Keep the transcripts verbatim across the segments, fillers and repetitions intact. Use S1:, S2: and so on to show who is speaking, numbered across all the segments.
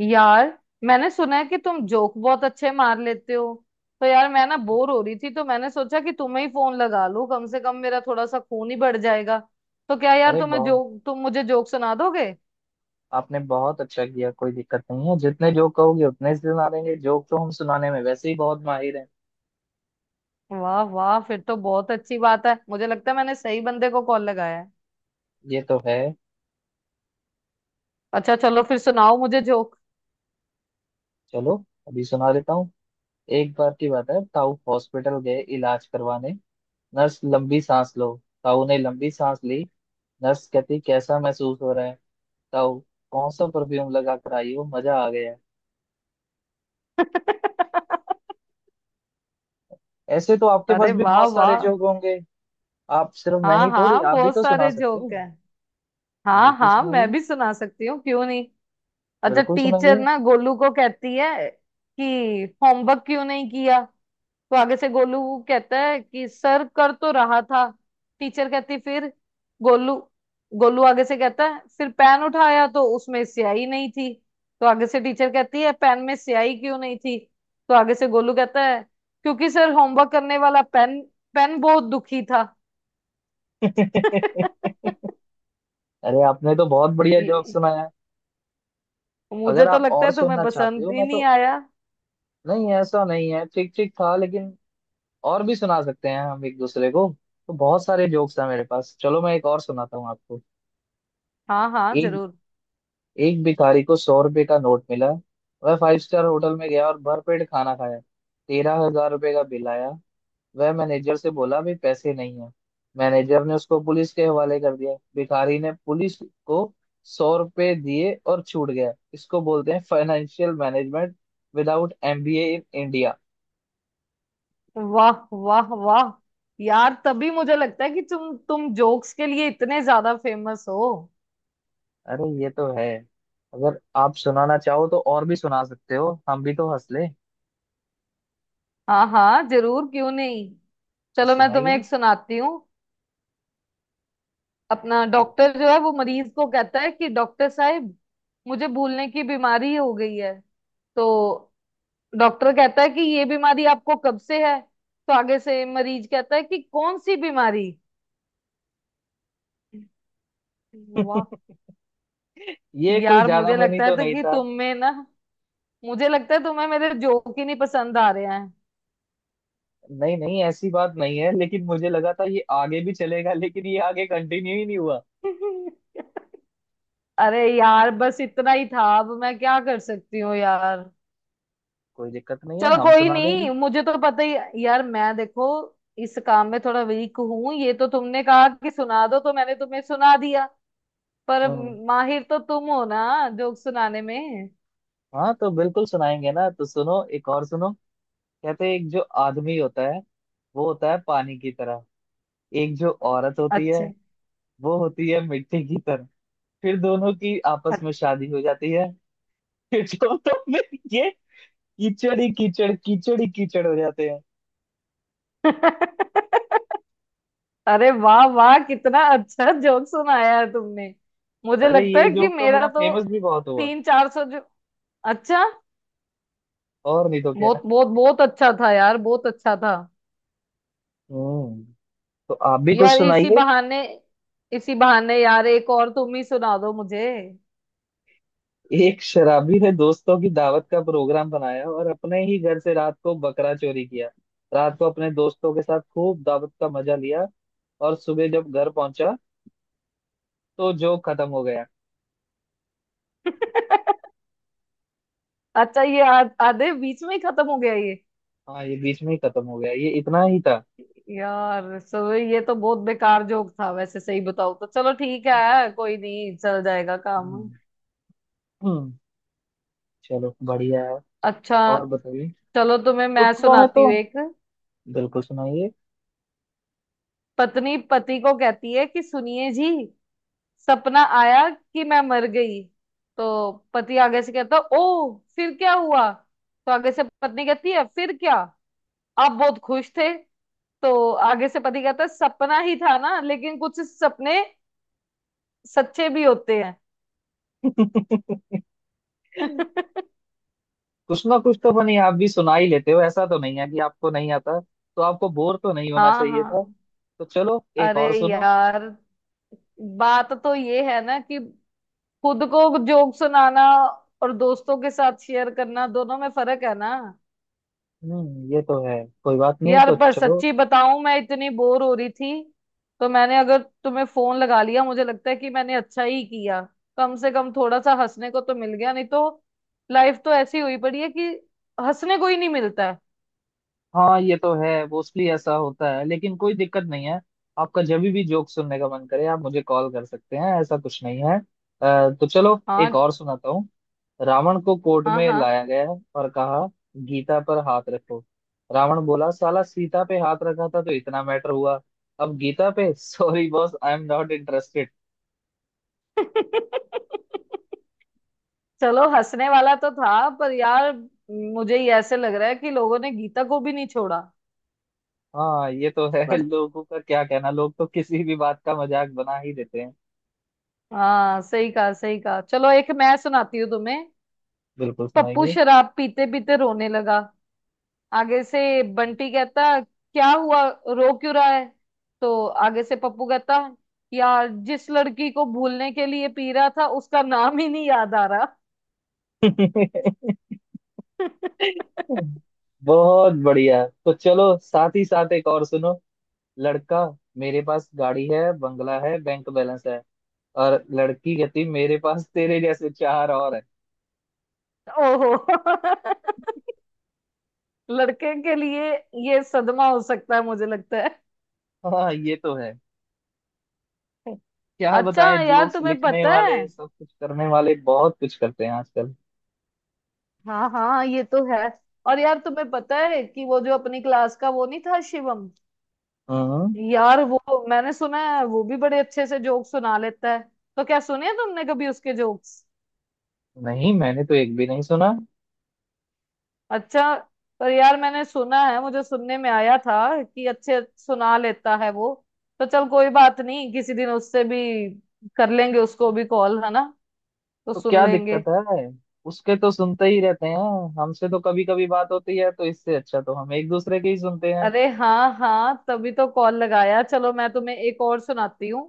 S1: यार, मैंने सुना है कि तुम जोक बहुत अच्छे मार लेते हो। तो यार मैं ना बोर हो रही थी तो मैंने सोचा कि तुम्हें ही फोन लगा लूं, कम से कम मेरा थोड़ा सा खून ही बढ़ जाएगा। तो क्या यार
S2: अरे
S1: तुम्हें
S2: बहुत।
S1: जोक तुम मुझे जोक सुना दोगे?
S2: आपने बहुत अच्छा किया। कोई दिक्कत नहीं है, जितने जोक कहोगे उतने ही सुना देंगे। जोक तो हम सुनाने में वैसे ही बहुत माहिर हैं।
S1: वाह वाह, फिर तो बहुत अच्छी बात है। मुझे लगता है मैंने सही बंदे को कॉल लगाया है।
S2: ये तो है।
S1: अच्छा चलो फिर सुनाओ मुझे जोक।
S2: चलो अभी सुना देता हूँ। एक बार की बात है, ताऊ हॉस्पिटल गए इलाज करवाने। नर्स, लंबी सांस लो। ताऊ ने लंबी सांस ली। नर्स कहती, कैसा महसूस हो रहा है ताऊ? कौन सा परफ्यूम लगा कर आई हो, मजा आ गया। ऐसे तो आपके पास
S1: अरे
S2: भी
S1: वाह
S2: बहुत सारे
S1: वाह।
S2: जोक होंगे। आप सिर्फ, मैं
S1: हाँ
S2: ही थोड़ी
S1: हाँ,
S2: आप भी
S1: बहुत
S2: तो सुना
S1: सारे
S2: सकते हो।
S1: जोक हैं। हाँ
S2: बिल्कुल
S1: हाँ, मैं
S2: सुनाइए।
S1: भी सुना सकती हूँ, क्यों नहीं। अच्छा,
S2: बिल्कुल
S1: टीचर
S2: सुनाइए।
S1: ना गोलू को कहती है कि होमवर्क क्यों नहीं किया। तो आगे से गोलू कहता है कि सर कर तो रहा था। टीचर कहती फिर। गोलू गोलू आगे से कहता है फिर पेन उठाया तो उसमें स्याही नहीं थी। तो आगे से टीचर कहती है पेन में स्याही क्यों नहीं थी। तो आगे से गोलू कहता है क्योंकि सर होमवर्क करने वाला पेन पेन बहुत दुखी था।
S2: अरे आपने तो बहुत बढ़िया जोक
S1: ये-
S2: सुनाया।
S1: मुझे
S2: अगर
S1: तो
S2: आप
S1: लगता
S2: और
S1: है तुम्हें
S2: सुनना चाहते
S1: पसंद
S2: हो
S1: ही
S2: मैं
S1: नहीं
S2: तो।
S1: आया।
S2: नहीं, ऐसा नहीं है, ठीक ठीक था लेकिन और भी सुना सकते हैं हम एक दूसरे को। तो बहुत सारे जोक्स हैं मेरे पास, चलो मैं एक और सुनाता हूँ आपको।
S1: हाँ हाँ
S2: एक
S1: जरूर।
S2: एक भिखारी को सौ रुपये का नोट मिला। वह फाइव स्टार होटल में गया और भरपेट खाना खाया। तेरह हज़ार रुपये का बिल आया। वह मैनेजर से बोला भी पैसे नहीं है। मैनेजर ने उसको पुलिस के हवाले कर दिया। भिखारी ने पुलिस को सौ रुपए दिए और छूट गया। इसको बोलते हैं financial management without M B ए इन इंडिया।
S1: वाह वाह वाह, यार तभी मुझे लगता है कि तुम तुम जोक्स के लिए इतने ज्यादा फेमस हो।
S2: अरे ये तो है। अगर आप सुनाना चाहो तो और भी सुना सकते हो, हम भी तो हंस ले।
S1: हाँ हाँ जरूर, क्यों नहीं।
S2: तो
S1: चलो मैं तुम्हें एक
S2: सुनाइए
S1: सुनाती हूँ। अपना डॉक्टर जो है वो मरीज को कहता है कि डॉक्टर साहब मुझे भूलने की बीमारी हो गई है। तो डॉक्टर कहता है कि ये बीमारी आपको कब से है, तो आगे से मरीज कहता है कि कौन सी बीमारी। वाह।
S2: फिर। ये कोई
S1: यार
S2: ज्यादा
S1: मुझे
S2: फनी
S1: लगता है
S2: तो
S1: तो
S2: नहीं
S1: कि
S2: था।
S1: तुम में ना, मुझे लगता है तुम्हें मेरे जोक ही नहीं पसंद आ रहे हैं।
S2: नहीं नहीं, ऐसी बात नहीं है, लेकिन मुझे लगा था ये आगे भी चलेगा, लेकिन ये आगे कंटिन्यू ही नहीं हुआ।
S1: अरे यार, बस इतना ही था, अब मैं क्या कर सकती हूँ यार।
S2: कोई दिक्कत नहीं है,
S1: चलो
S2: हम
S1: कोई
S2: सुना देंगे।
S1: नहीं, मुझे तो पता ही यार, मैं देखो इस काम में थोड़ा वीक हूँ। ये तो तुमने कहा कि सुना दो तो मैंने तुम्हें सुना दिया, पर
S2: हम्म।
S1: माहिर तो तुम हो ना जोक सुनाने में।
S2: हाँ तो बिल्कुल सुनाएंगे ना, तो सुनो एक और सुनो। कहते हैं एक जो आदमी होता है, वो होता है पानी की तरह। एक जो औरत होती है,
S1: अच्छा।
S2: वो होती है मिट्टी की तरह। फिर दोनों की आपस में
S1: अच्छा।
S2: शादी हो जाती है। फिर तो दोनों में ये कीचड़ ही कीचड़, कीचड़ ही कीचड़ हो जाते हैं।
S1: अरे वाह वाह, कितना अच्छा जोक सुनाया है तुमने। मुझे
S2: अरे
S1: लगता
S2: ये
S1: है कि
S2: जोक तो
S1: मेरा
S2: मेरा
S1: तो
S2: फेमस भी बहुत हुआ।
S1: तीन चार सौ। अच्छा,
S2: और नहीं तो क्या।
S1: बहुत बहुत बहुत अच्छा था यार, बहुत अच्छा था।
S2: हम्म। तो आप भी कुछ
S1: यार इसी
S2: सुनाइए।
S1: बहाने, इसी बहाने यार एक और तुम ही सुना दो मुझे।
S2: एक शराबी ने दोस्तों की दावत का प्रोग्राम बनाया और अपने ही घर से रात को बकरा चोरी किया। रात को अपने दोस्तों के साथ खूब दावत का मजा लिया। और सुबह जब घर पहुंचा तो जोक खत्म हो गया।
S1: अच्छा, ये आ- आधे बीच में ही खत्म हो गया ये।
S2: हाँ, ये बीच में ही खत्म हो गया, ये इतना ही था।
S1: यार सो ये तो बहुत बेकार जोक था वैसे, सही बताओ तो। चलो ठीक है, कोई नहीं, चल जाएगा काम।
S2: हम्म। हम्म। चलो बढ़िया है।
S1: अच्छा
S2: और बताइए।
S1: चलो तुम्हें मैं
S2: चुटकुलों में
S1: सुनाती
S2: तो
S1: हूँ एक।
S2: बिल्कुल सुनाइए।
S1: पत्नी पति को कहती है कि सुनिए जी, सपना आया कि मैं मर गई। तो पति आगे से कहता ओ फिर क्या हुआ, तो आगे से पत्नी कहती है फिर क्या, आप बहुत खुश थे। तो आगे से पति कहता है सपना ही था ना, लेकिन कुछ सपने सच्चे भी होते हैं।
S2: कुछ ना कुछ तो बनी, आप भी सुना ही लेते हो, ऐसा तो नहीं है कि आपको नहीं आता, तो आपको बोर तो नहीं होना
S1: हाँ
S2: चाहिए था।
S1: हाँ।
S2: तो चलो एक
S1: अरे
S2: और सुनो।
S1: यार, बात तो ये है ना कि खुद को जोक सुनाना और दोस्तों के साथ शेयर करना, दोनों में फर्क है ना।
S2: हम्म, ये तो है। कोई बात नहीं,
S1: यार
S2: तो
S1: पर
S2: चलो।
S1: सच्ची बताऊं, मैं इतनी बोर हो रही थी तो मैंने अगर तुम्हें फोन लगा लिया, मुझे लगता है कि मैंने अच्छा ही किया। कम से कम थोड़ा सा हंसने को तो मिल गया, नहीं तो लाइफ तो ऐसी हुई पड़ी है कि हंसने को ही नहीं मिलता है।
S2: हाँ ये तो है, मोस्टली ऐसा होता है, लेकिन कोई दिक्कत नहीं है। आपका जब भी जोक सुनने का मन करे आप मुझे कॉल कर सकते हैं, ऐसा कुछ नहीं है। अ, तो चलो एक
S1: हाँ
S2: और सुनाता हूँ। रावण को कोर्ट
S1: हाँ
S2: में
S1: हाँ।
S2: लाया गया और कहा गीता पर हाथ रखो। रावण बोला, साला सीता पे हाथ रखा था तो इतना मैटर हुआ, अब गीता पे sorry boss, I am not interested.
S1: चलो हंसने वाला तो था, पर यार मुझे ही ऐसे लग रहा है कि लोगों ने गीता को भी नहीं छोड़ा।
S2: हाँ ये तो है।
S1: पर
S2: लोगों का क्या कहना, लोग तो किसी भी बात का मजाक बना ही देते हैं।
S1: हाँ सही कहा, सही कहा। चलो एक मैं सुनाती हूँ तुम्हें।
S2: बिल्कुल
S1: पप्पू
S2: सुनाइए।
S1: शराब पीते पीते रोने लगा। आगे से बंटी कहता क्या हुआ, रो क्यों रहा है। तो आगे से पप्पू कहता यार जिस लड़की को भूलने के लिए पी रहा था उसका नाम ही नहीं याद आ रहा।
S2: बहुत बढ़िया, तो चलो साथ ही साथ एक और सुनो। लड़का, मेरे पास गाड़ी है, बंगला है, बैंक बैलेंस है। और लड़की कहती, मेरे पास तेरे जैसे चार और है।
S1: ओहो। लड़के के लिए ये सदमा हो सकता है, मुझे लगता है।
S2: हाँ ये तो है। क्या
S1: अच्छा
S2: बताएं,
S1: यार
S2: जोक्स
S1: तुम्हें
S2: लिखने
S1: पता है,
S2: वाले सब कुछ करने वाले बहुत कुछ करते हैं आजकल।
S1: हाँ हाँ ये तो है। और यार तुम्हें पता है कि वो जो अपनी क्लास का वो नहीं था, शिवम।
S2: हम्म।
S1: यार वो, मैंने सुना है वो भी बड़े अच्छे से जोक सुना लेता है। तो क्या सुने हैं तुमने कभी उसके जोक्स?
S2: नहीं, मैंने तो एक भी नहीं सुना।
S1: अच्छा। पर यार मैंने सुना है, मुझे सुनने में आया था कि अच्छे सुना लेता है वो। तो चल कोई बात नहीं, किसी दिन उससे भी कर लेंगे, उसको भी कॉल है ना, तो
S2: तो
S1: सुन
S2: क्या
S1: लेंगे।
S2: दिक्कत है, उसके तो सुनते ही रहते हैं। हमसे तो कभी कभी बात होती है, तो इससे अच्छा तो हम एक दूसरे के ही सुनते हैं।
S1: अरे हाँ हाँ, तभी तो कॉल लगाया। चलो मैं तुम्हें एक और सुनाती हूँ।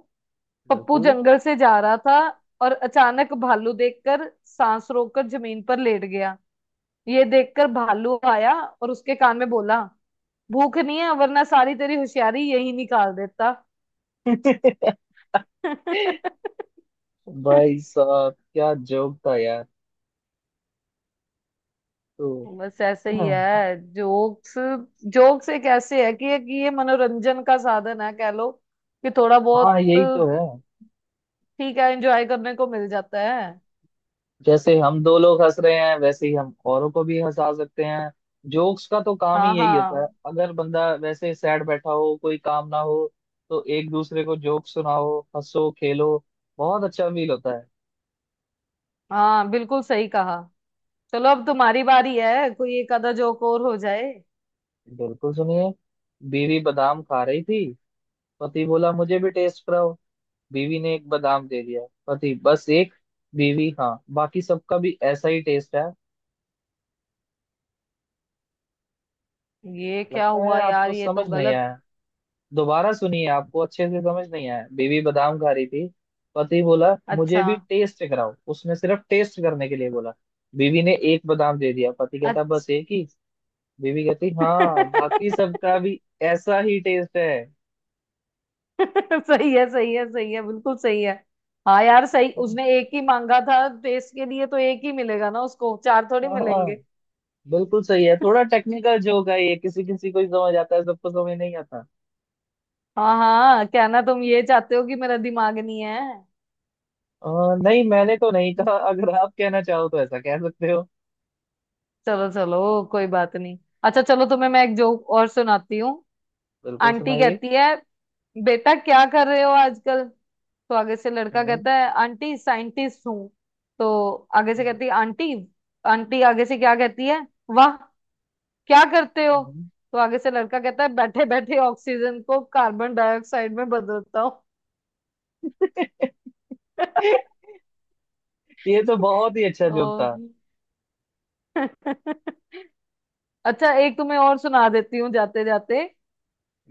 S1: पप्पू
S2: बिल्कुल।
S1: जंगल से जा रहा था और अचानक भालू देखकर सांस रोककर जमीन पर लेट गया। ये देखकर भालू आया और उसके कान में बोला भूख नहीं है वरना सारी तेरी होशियारी यही निकाल देता।
S2: भाई साहब क्या जोक था यार। तो
S1: बस ऐसे ही है जोक्स। जोक्स एक ऐसे है कि एक ये मनोरंजन का साधन है कह लो, कि थोड़ा बहुत
S2: हाँ, यही तो
S1: ठीक
S2: है।
S1: है, एंजॉय करने को मिल जाता है।
S2: जैसे हम दो लोग हंस रहे हैं, वैसे ही हम औरों को भी हंसा सकते हैं। जोक्स का तो काम ही
S1: हाँ
S2: यही होता है,
S1: हाँ
S2: अगर बंदा वैसे सैड बैठा हो, कोई काम ना हो, तो एक दूसरे को जोक सुनाओ, हंसो, खेलो, बहुत अच्छा फील होता है।
S1: हाँ, बिल्कुल सही कहा। चलो अब तुम्हारी बारी है, कोई एक आधा जोक और हो जाए।
S2: बिल्कुल सुनिए। बीवी बादाम खा रही थी। पति बोला, मुझे भी टेस्ट कराओ। बीवी ने एक बादाम दे दिया। पति, बस एक? बीवी, हाँ बाकी सबका भी ऐसा ही टेस्ट है।
S1: ये क्या
S2: लगता है
S1: हुआ यार,
S2: आपको
S1: ये तो
S2: समझ नहीं
S1: गलत।
S2: आया, दोबारा सुनिए, आपको अच्छे से समझ नहीं आया। बीवी बादाम खा रही थी, पति बोला मुझे
S1: अच्छा।
S2: भी टेस्ट कराओ, उसने सिर्फ टेस्ट करने के लिए बोला। बीवी ने एक बादाम दे दिया, पति कहता बस
S1: अच्छा।
S2: एक ही? बीवी कहती
S1: सही
S2: हाँ बाकी सबका भी ऐसा ही टेस्ट है।
S1: है, सही है, सही है, बिल्कुल सही है। हाँ यार सही, उसने एक ही मांगा था टेस्ट के लिए तो एक ही मिलेगा ना उसको, चार थोड़ी
S2: हाँ हाँ,
S1: मिलेंगे।
S2: बिल्कुल सही है। थोड़ा टेक्निकल जोक है ये, किसी किसी को ही समझ आता है, सबको समझ नहीं आता।
S1: हाँ हाँ, कहना तुम ये चाहते हो कि मेरा दिमाग नहीं है।
S2: अ, नहीं, मैंने तो नहीं कहा, अगर आप कहना चाहो तो ऐसा कह सकते हो।
S1: चलो चलो, कोई बात नहीं। अच्छा चलो तुम्हें मैं एक जोक और सुनाती हूँ।
S2: बिल्कुल
S1: आंटी
S2: सुनाइए।
S1: कहती है बेटा क्या कर रहे हो आजकल। तो आगे से लड़का
S2: हम्म।
S1: कहता है आंटी साइंटिस्ट हूँ। तो आगे से
S2: हम्म।
S1: कहती है आंटी, आंटी आगे से क्या कहती है, वाह क्या करते हो।
S2: हम्म।
S1: तो आगे से लड़का कहता है बैठे बैठे ऑक्सीजन को कार्बन डाइऑक्साइड में बदलता हूँ।
S2: ये तो बहुत ही अच्छा
S1: ओ।
S2: जोक था।
S1: अच्छा, एक तुम्हें और सुना देती हूँ जाते जाते।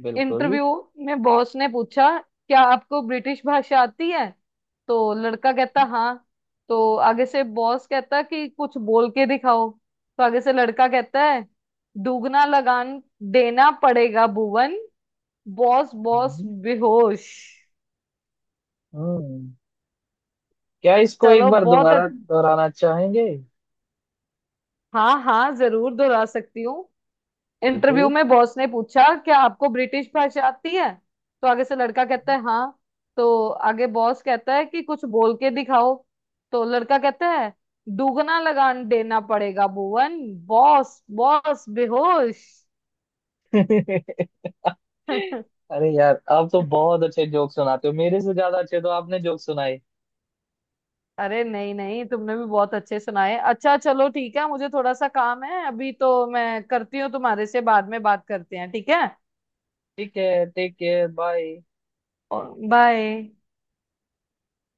S2: बिल्कुल।
S1: इंटरव्यू में बॉस ने पूछा क्या आपको ब्रिटिश भाषा आती है। तो लड़का कहता हाँ। तो आगे से बॉस कहता कि कुछ बोल के दिखाओ। तो आगे से लड़का कहता है दुगना लगान देना पड़ेगा भुवन। बॉस बॉस
S2: हम्म।
S1: बेहोश।
S2: हम्म। क्या इसको एक
S1: चलो
S2: बार
S1: बहुत
S2: दोबारा
S1: अच्छ-
S2: दोहराना चाहेंगे?
S1: हाँ हाँ जरूर, दोहरा सकती हूँ। इंटरव्यू
S2: बिल्कुल।
S1: में बॉस ने पूछा क्या आपको ब्रिटिश भाषा आती है। तो आगे से लड़का कहता है हाँ। तो आगे बॉस कहता है कि कुछ बोल के दिखाओ। तो लड़का कहता है दुगना लगान देना पड़ेगा भुवन। बॉस बॉस बेहोश।
S2: अरे यार आप तो बहुत अच्छे जोक सुनाते हो, मेरे से ज्यादा अच्छे तो आपने जोक सुनाए।
S1: अरे नहीं नहीं, तुमने भी बहुत अच्छे सुनाए। अच्छा चलो ठीक है, मुझे थोड़ा सा काम है अभी तो, मैं करती हूँ, तुम्हारे से बाद में बात करते हैं, ठीक है।
S2: ठीक है, टेक केयर, बाय।
S1: बाय।